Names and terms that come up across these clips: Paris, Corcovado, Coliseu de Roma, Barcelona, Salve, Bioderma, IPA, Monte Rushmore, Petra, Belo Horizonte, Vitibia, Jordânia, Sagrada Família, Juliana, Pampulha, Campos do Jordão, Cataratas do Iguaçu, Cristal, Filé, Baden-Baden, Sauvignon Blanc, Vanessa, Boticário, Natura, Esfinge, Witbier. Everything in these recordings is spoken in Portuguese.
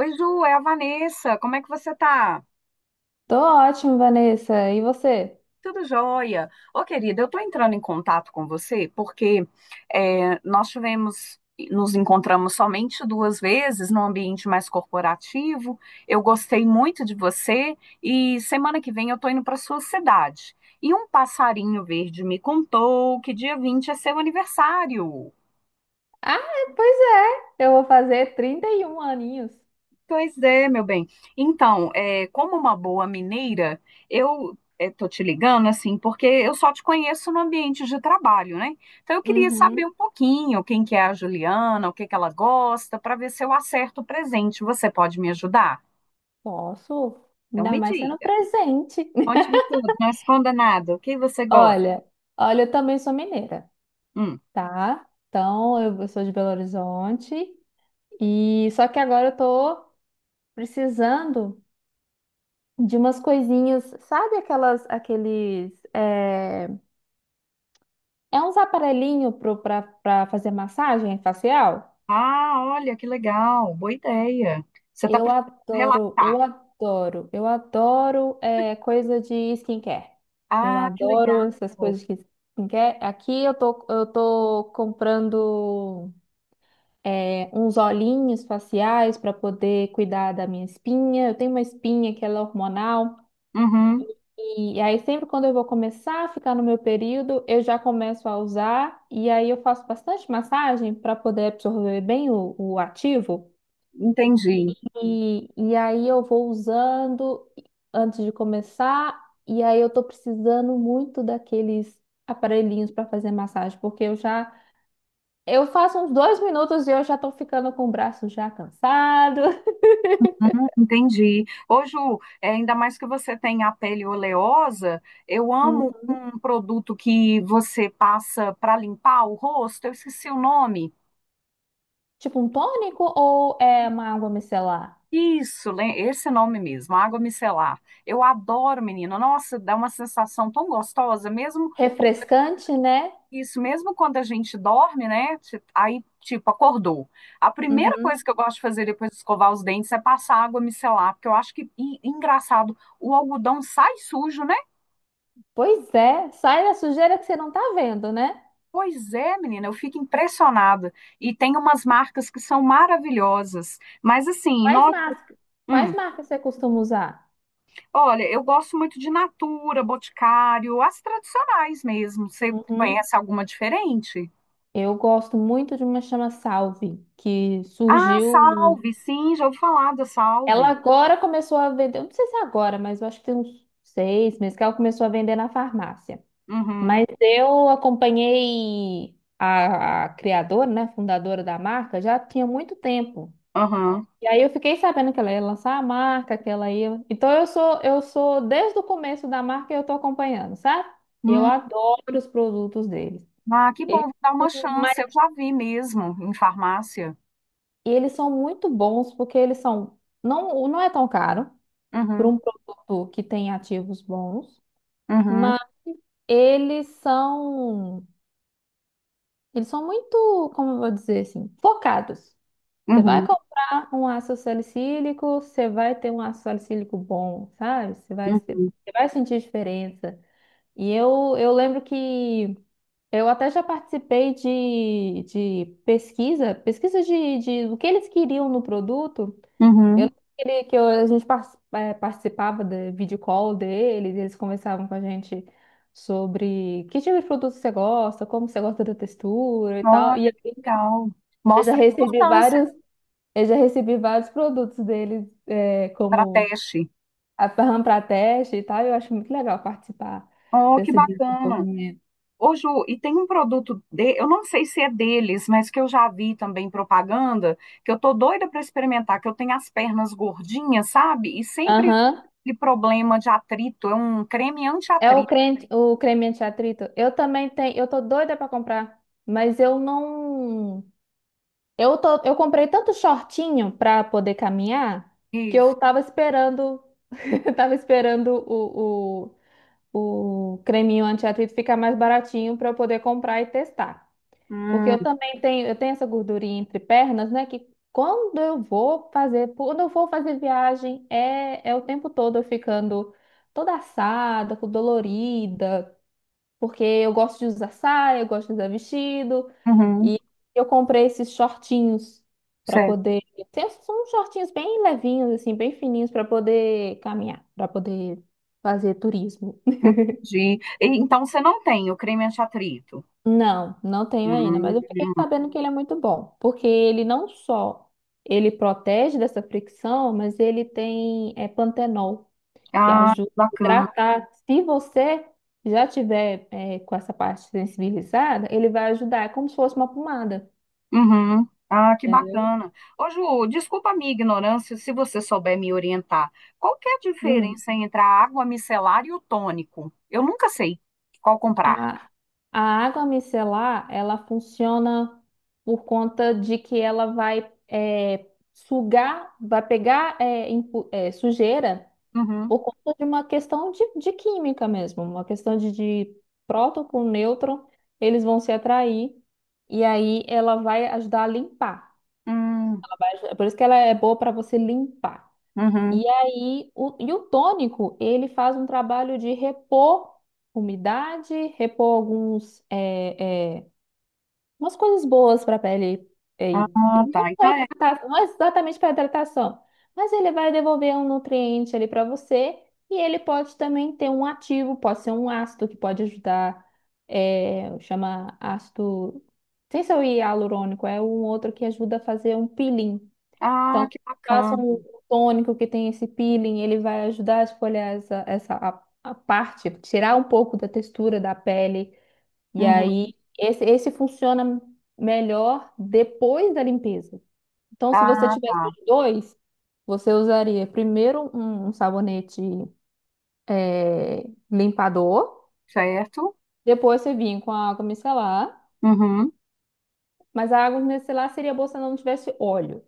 Oi, Ju, é a Vanessa. Como é que você tá? Tô ótimo, Vanessa. E você? Tudo jóia. Ô, querida, eu tô entrando em contato com você porque é, nós tivemos, nos encontramos somente duas vezes no ambiente mais corporativo. Eu gostei muito de você e semana que vem eu tô indo para sua cidade. E um passarinho verde me contou que dia 20 é seu aniversário. Ah, pois é. Eu vou fazer 31 aninhos. Pois é, meu bem. Então, como uma boa mineira, eu estou te ligando assim, porque eu só te conheço no ambiente de trabalho, né? Então, eu queria saber Uhum. um pouquinho quem que é a Juliana, o que que ela gosta, para ver se eu acerto o presente. Você pode me ajudar? Posso? Então, Ainda me mais sendo diga, presente. conte-me tudo, não esconda nada. O que você gosta? Olha, olha, eu também sou mineira, Hum. tá? Então, eu sou de Belo Horizonte e só que agora eu tô precisando de umas coisinhas, sabe aqueles, uns aparelhinho pra fazer massagem facial? Ah, olha, que legal, boa ideia. Você está Eu precisando adoro, eu relaxar. adoro, eu adoro coisa de skincare. Eu Ah, que legal. adoro essas coisas de skincare. Aqui eu tô comprando uns olhinhos faciais para poder cuidar da minha espinha. Eu tenho uma espinha que ela é hormonal. Uhum, E aí sempre quando eu vou começar a ficar no meu período, eu já começo a usar. E aí eu faço bastante massagem para poder absorver bem o ativo. entendi. E aí eu vou usando antes de começar, e aí eu tô precisando muito daqueles aparelhinhos para fazer massagem, porque eu faço uns 2 minutos e eu já tô ficando com o braço já cansado. Entendi. Ô, Ju, é, ainda mais que você tem a pele oleosa, eu Hum, amo um produto que você passa para limpar o rosto, eu esqueci o nome. Tipo um tônico ou é uma água micelar? Isso, esse nome mesmo, água micelar. Eu adoro, menina. Nossa, dá uma sensação tão gostosa, mesmo Refrescante, né? isso, mesmo quando a gente dorme, né? Aí, tipo, acordou. A primeira coisa Uhum. que eu gosto de fazer depois de escovar os dentes é passar água micelar, porque eu acho que, engraçado, o algodão sai sujo, né? Pois é, sai da sujeira que você não tá vendo, né? Pois é, menina, eu fico impressionada. E tem umas marcas que são maravilhosas. Mas assim, Quais marcas, hum, quais marcas você costuma usar? olha, eu gosto muito de Natura, Boticário, as tradicionais mesmo. Você Uhum. conhece alguma diferente? Eu gosto muito de uma chama Salve, que Ah, surgiu. Salve, sim, já ouvi falar da Ela Salve. agora começou a vender, eu não sei se é agora, mas eu acho que tem uns 6 meses que ela começou a vender na farmácia. Uhum, Mas eu acompanhei a criadora, né, fundadora da marca, já tinha muito tempo. uhum. E aí eu fiquei sabendo que ela ia lançar a marca, que ela ia. Então eu sou desde o começo da marca eu tô acompanhando, sabe? E eu Hum, adoro os produtos deles. ah, que bom, Eles vou dar são uma chance. Eu já vi mesmo em farmácia. E eles são muito bons porque eles são. Não, não é tão caro para Uhum, um produto que tem ativos bons, uhum, mas eles são. Eles são muito, como eu vou dizer assim, focados. Você vai uhum, comprar um ácido salicílico, você vai ter um ácido salicílico bom, sabe? Você vai, se- uhum, você vai sentir diferença. E eu lembro que eu até já participei de pesquisa de o que eles queriam no produto. Eu uhum. não queria a gente participava da video call deles, eles conversavam com a gente sobre que tipo de produto você gosta, como você gosta da textura e tal. Olha, E que legal. eu já Mostra a recebi importância vários, eu já recebi vários produtos deles, para como teste. a RAM para teste e tal. E eu acho muito legal participar Oh, que desse bacana. desenvolvimento. Ô, Ju, e tem um produto de, eu não sei se é deles, mas que eu já vi também propaganda, que eu tô doida para experimentar, que eu tenho as pernas gordinhas, sabe? E sempre Aham. aquele problema de atrito, é um creme É anti-atrito. O creme anti-atrito. Eu também tenho, eu tô doida para comprar, mas eu não. Eu tô, eu comprei tanto shortinho pra poder caminhar que eu Isso. tava esperando, tava esperando o creminho anti-atrito ficar mais baratinho pra eu poder comprar e testar. Porque Hum, eu também tenho, eu tenho essa gordurinha entre pernas, né? Que quando eu vou fazer, quando eu vou fazer viagem, é o tempo todo eu ficando toda assada, com dolorida, porque eu gosto de usar saia, eu gosto de usar vestido. uhum, E eu comprei esses shortinhos para certo. poder. São uns shortinhos bem levinhos, assim, bem fininhos para poder caminhar, para poder fazer turismo. Entendi. E, então você não tem o creme anti-atrito. Não, não tenho ainda, Hum, mas eu fiquei sabendo que ele é muito bom, porque ele não só ele protege dessa fricção, mas ele tem pantenol, que ah, ajuda a bacana. hidratar. Se você já tiver com essa parte sensibilizada, ele vai ajudar, é como se fosse uma pomada, Uhum. Ah, que entendeu? bacana. Ô, Ju, desculpa a minha ignorância, se você souber me orientar. Qual que é a diferença entre a água micelar e o tônico? Eu nunca sei qual comprar. A, a água micelar, ela funciona por conta de que ela vai sugar, vai pegar sujeira Uhum. por conta de uma questão de química mesmo, uma questão de próton com nêutron, eles vão se atrair e aí ela vai ajudar a limpar. Hum, Por isso que ela é boa para você limpar. uhum. E aí, e o tônico, ele faz um trabalho de repor umidade, repor alguns, umas coisas boas para a pele. E Ah, não, tá. Então é. Não é exatamente para hidratação, mas ele vai devolver um nutriente ali para você e ele pode também ter um ativo, pode ser um ácido que pode ajudar, chama ácido, sem ser o hialurônico, é um outro que ajuda a fazer um peeling. Ah, Então, que faça um bacana. tônico que tem esse peeling, ele vai ajudar a esfoliar essa a parte, tirar um pouco da textura da pele. E Uhum. aí, esse funciona melhor depois da limpeza. Então, se você Ah, tivesse tá. os dois, você usaria primeiro um sabonete é, limpador, Certo? depois você vinha com a água micelar, Uhum. mas a água micelar seria boa se ela não tivesse óleo.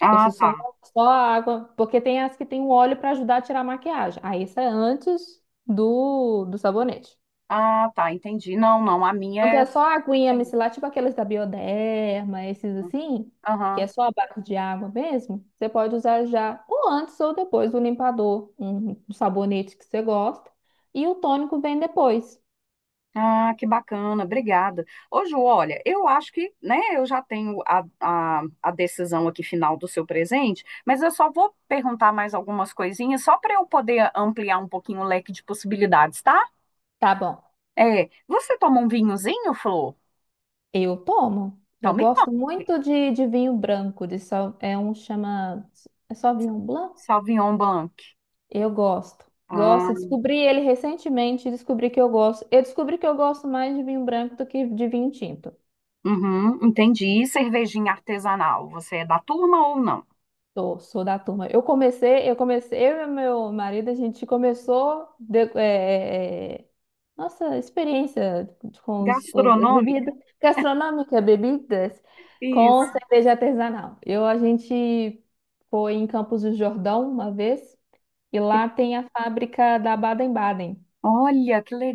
Ah, Você tá. só a água, porque tem as que tem o óleo para ajudar a tirar a maquiagem. Aí isso é antes do sabonete. Ah, tá. Entendi. Não, não. A minha Então é. é só a aguinha micelar, tipo aqueles da Bioderma, esses assim, que é Aham. só a base de água mesmo. Você pode usar já ou antes ou depois do limpador, um sabonete que você gosta, e o tônico vem depois. Ah, que bacana, obrigada. Ô, Ju, olha, eu acho que, né, eu já tenho a decisão aqui final do seu presente, mas eu só vou perguntar mais algumas coisinhas, só para eu poder ampliar um pouquinho o leque de possibilidades, tá? Tá bom. É, você toma um vinhozinho, Flor? Eu tomo. Então Eu me gosto conte. muito de vinho branco, de só, é um chama, é só vinho blanc? Sauvignon Blanc. Eu gosto. Ah, Gosto. Descobri ele recentemente, descobri que eu gosto. Eu descobri que eu gosto mais de vinho branco do que de vinho tinto. uhum, entendi. E cervejinha artesanal, você é da turma ou não? Sou, sou da turma. Eu e meu marido, a gente começou nossa experiência com as Gastronômica? bebidas gastronômicas, bebidas com Isso. cerveja artesanal. A gente foi em Campos do Jordão uma vez e Que- lá tem a fábrica da Baden-Baden. olha, que le-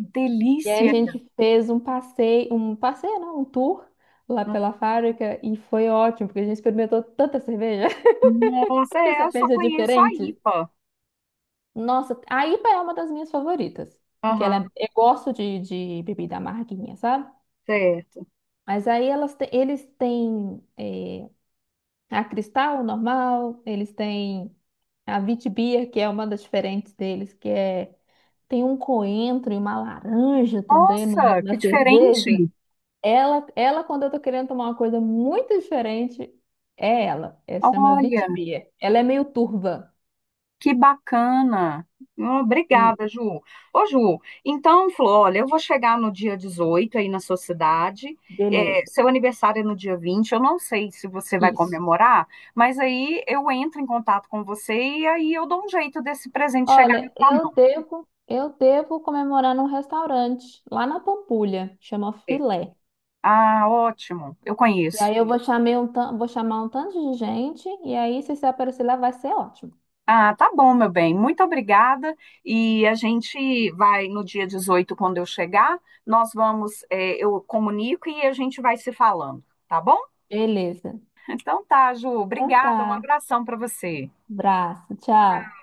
E aí a delícia. gente fez um passeio, não, um tour lá pela fábrica e foi ótimo, porque a gente experimentou tanta cerveja, Nossa, tanta eu só cerveja conheço a diferente. IPA. Nossa, a IPA é uma das minhas favoritas, porque Aham, eu gosto de bebida amarguinha, sabe? certo. Mas aí eles têm a Cristal normal, eles têm a Witbier, que é uma das diferentes deles, que tem um coentro e uma laranja também Nossa, na que cerveja. diferente. Ela, quando eu tô querendo tomar uma coisa muito diferente, é ela. Ela chama Olha, Vitibia. Ela é meio turva. que bacana. E Obrigada, Ju. Ô, Ju, então, Flor, olha, eu vou chegar no dia 18 aí na sua cidade. É, beleza. seu aniversário é no dia 20. Eu não sei se você vai Isso. comemorar, mas aí eu entro em contato com você e aí eu dou um jeito desse presente chegar na Olha, sua eu mão. devo, eu devo comemorar num restaurante lá na Pampulha, chama Filé. Ah, ótimo. Eu E conheço. aí eu vou chamar vou chamar um tanto de gente, e aí se você aparecer lá vai ser ótimo. Ah, tá bom, meu bem. Muito obrigada. E a gente vai no dia 18 quando eu chegar, nós vamos, eu comunico e a gente vai se falando, tá bom? Beleza. Então tá, Ju. Então Obrigada. Um tá. abração para você. Abraço, tchau.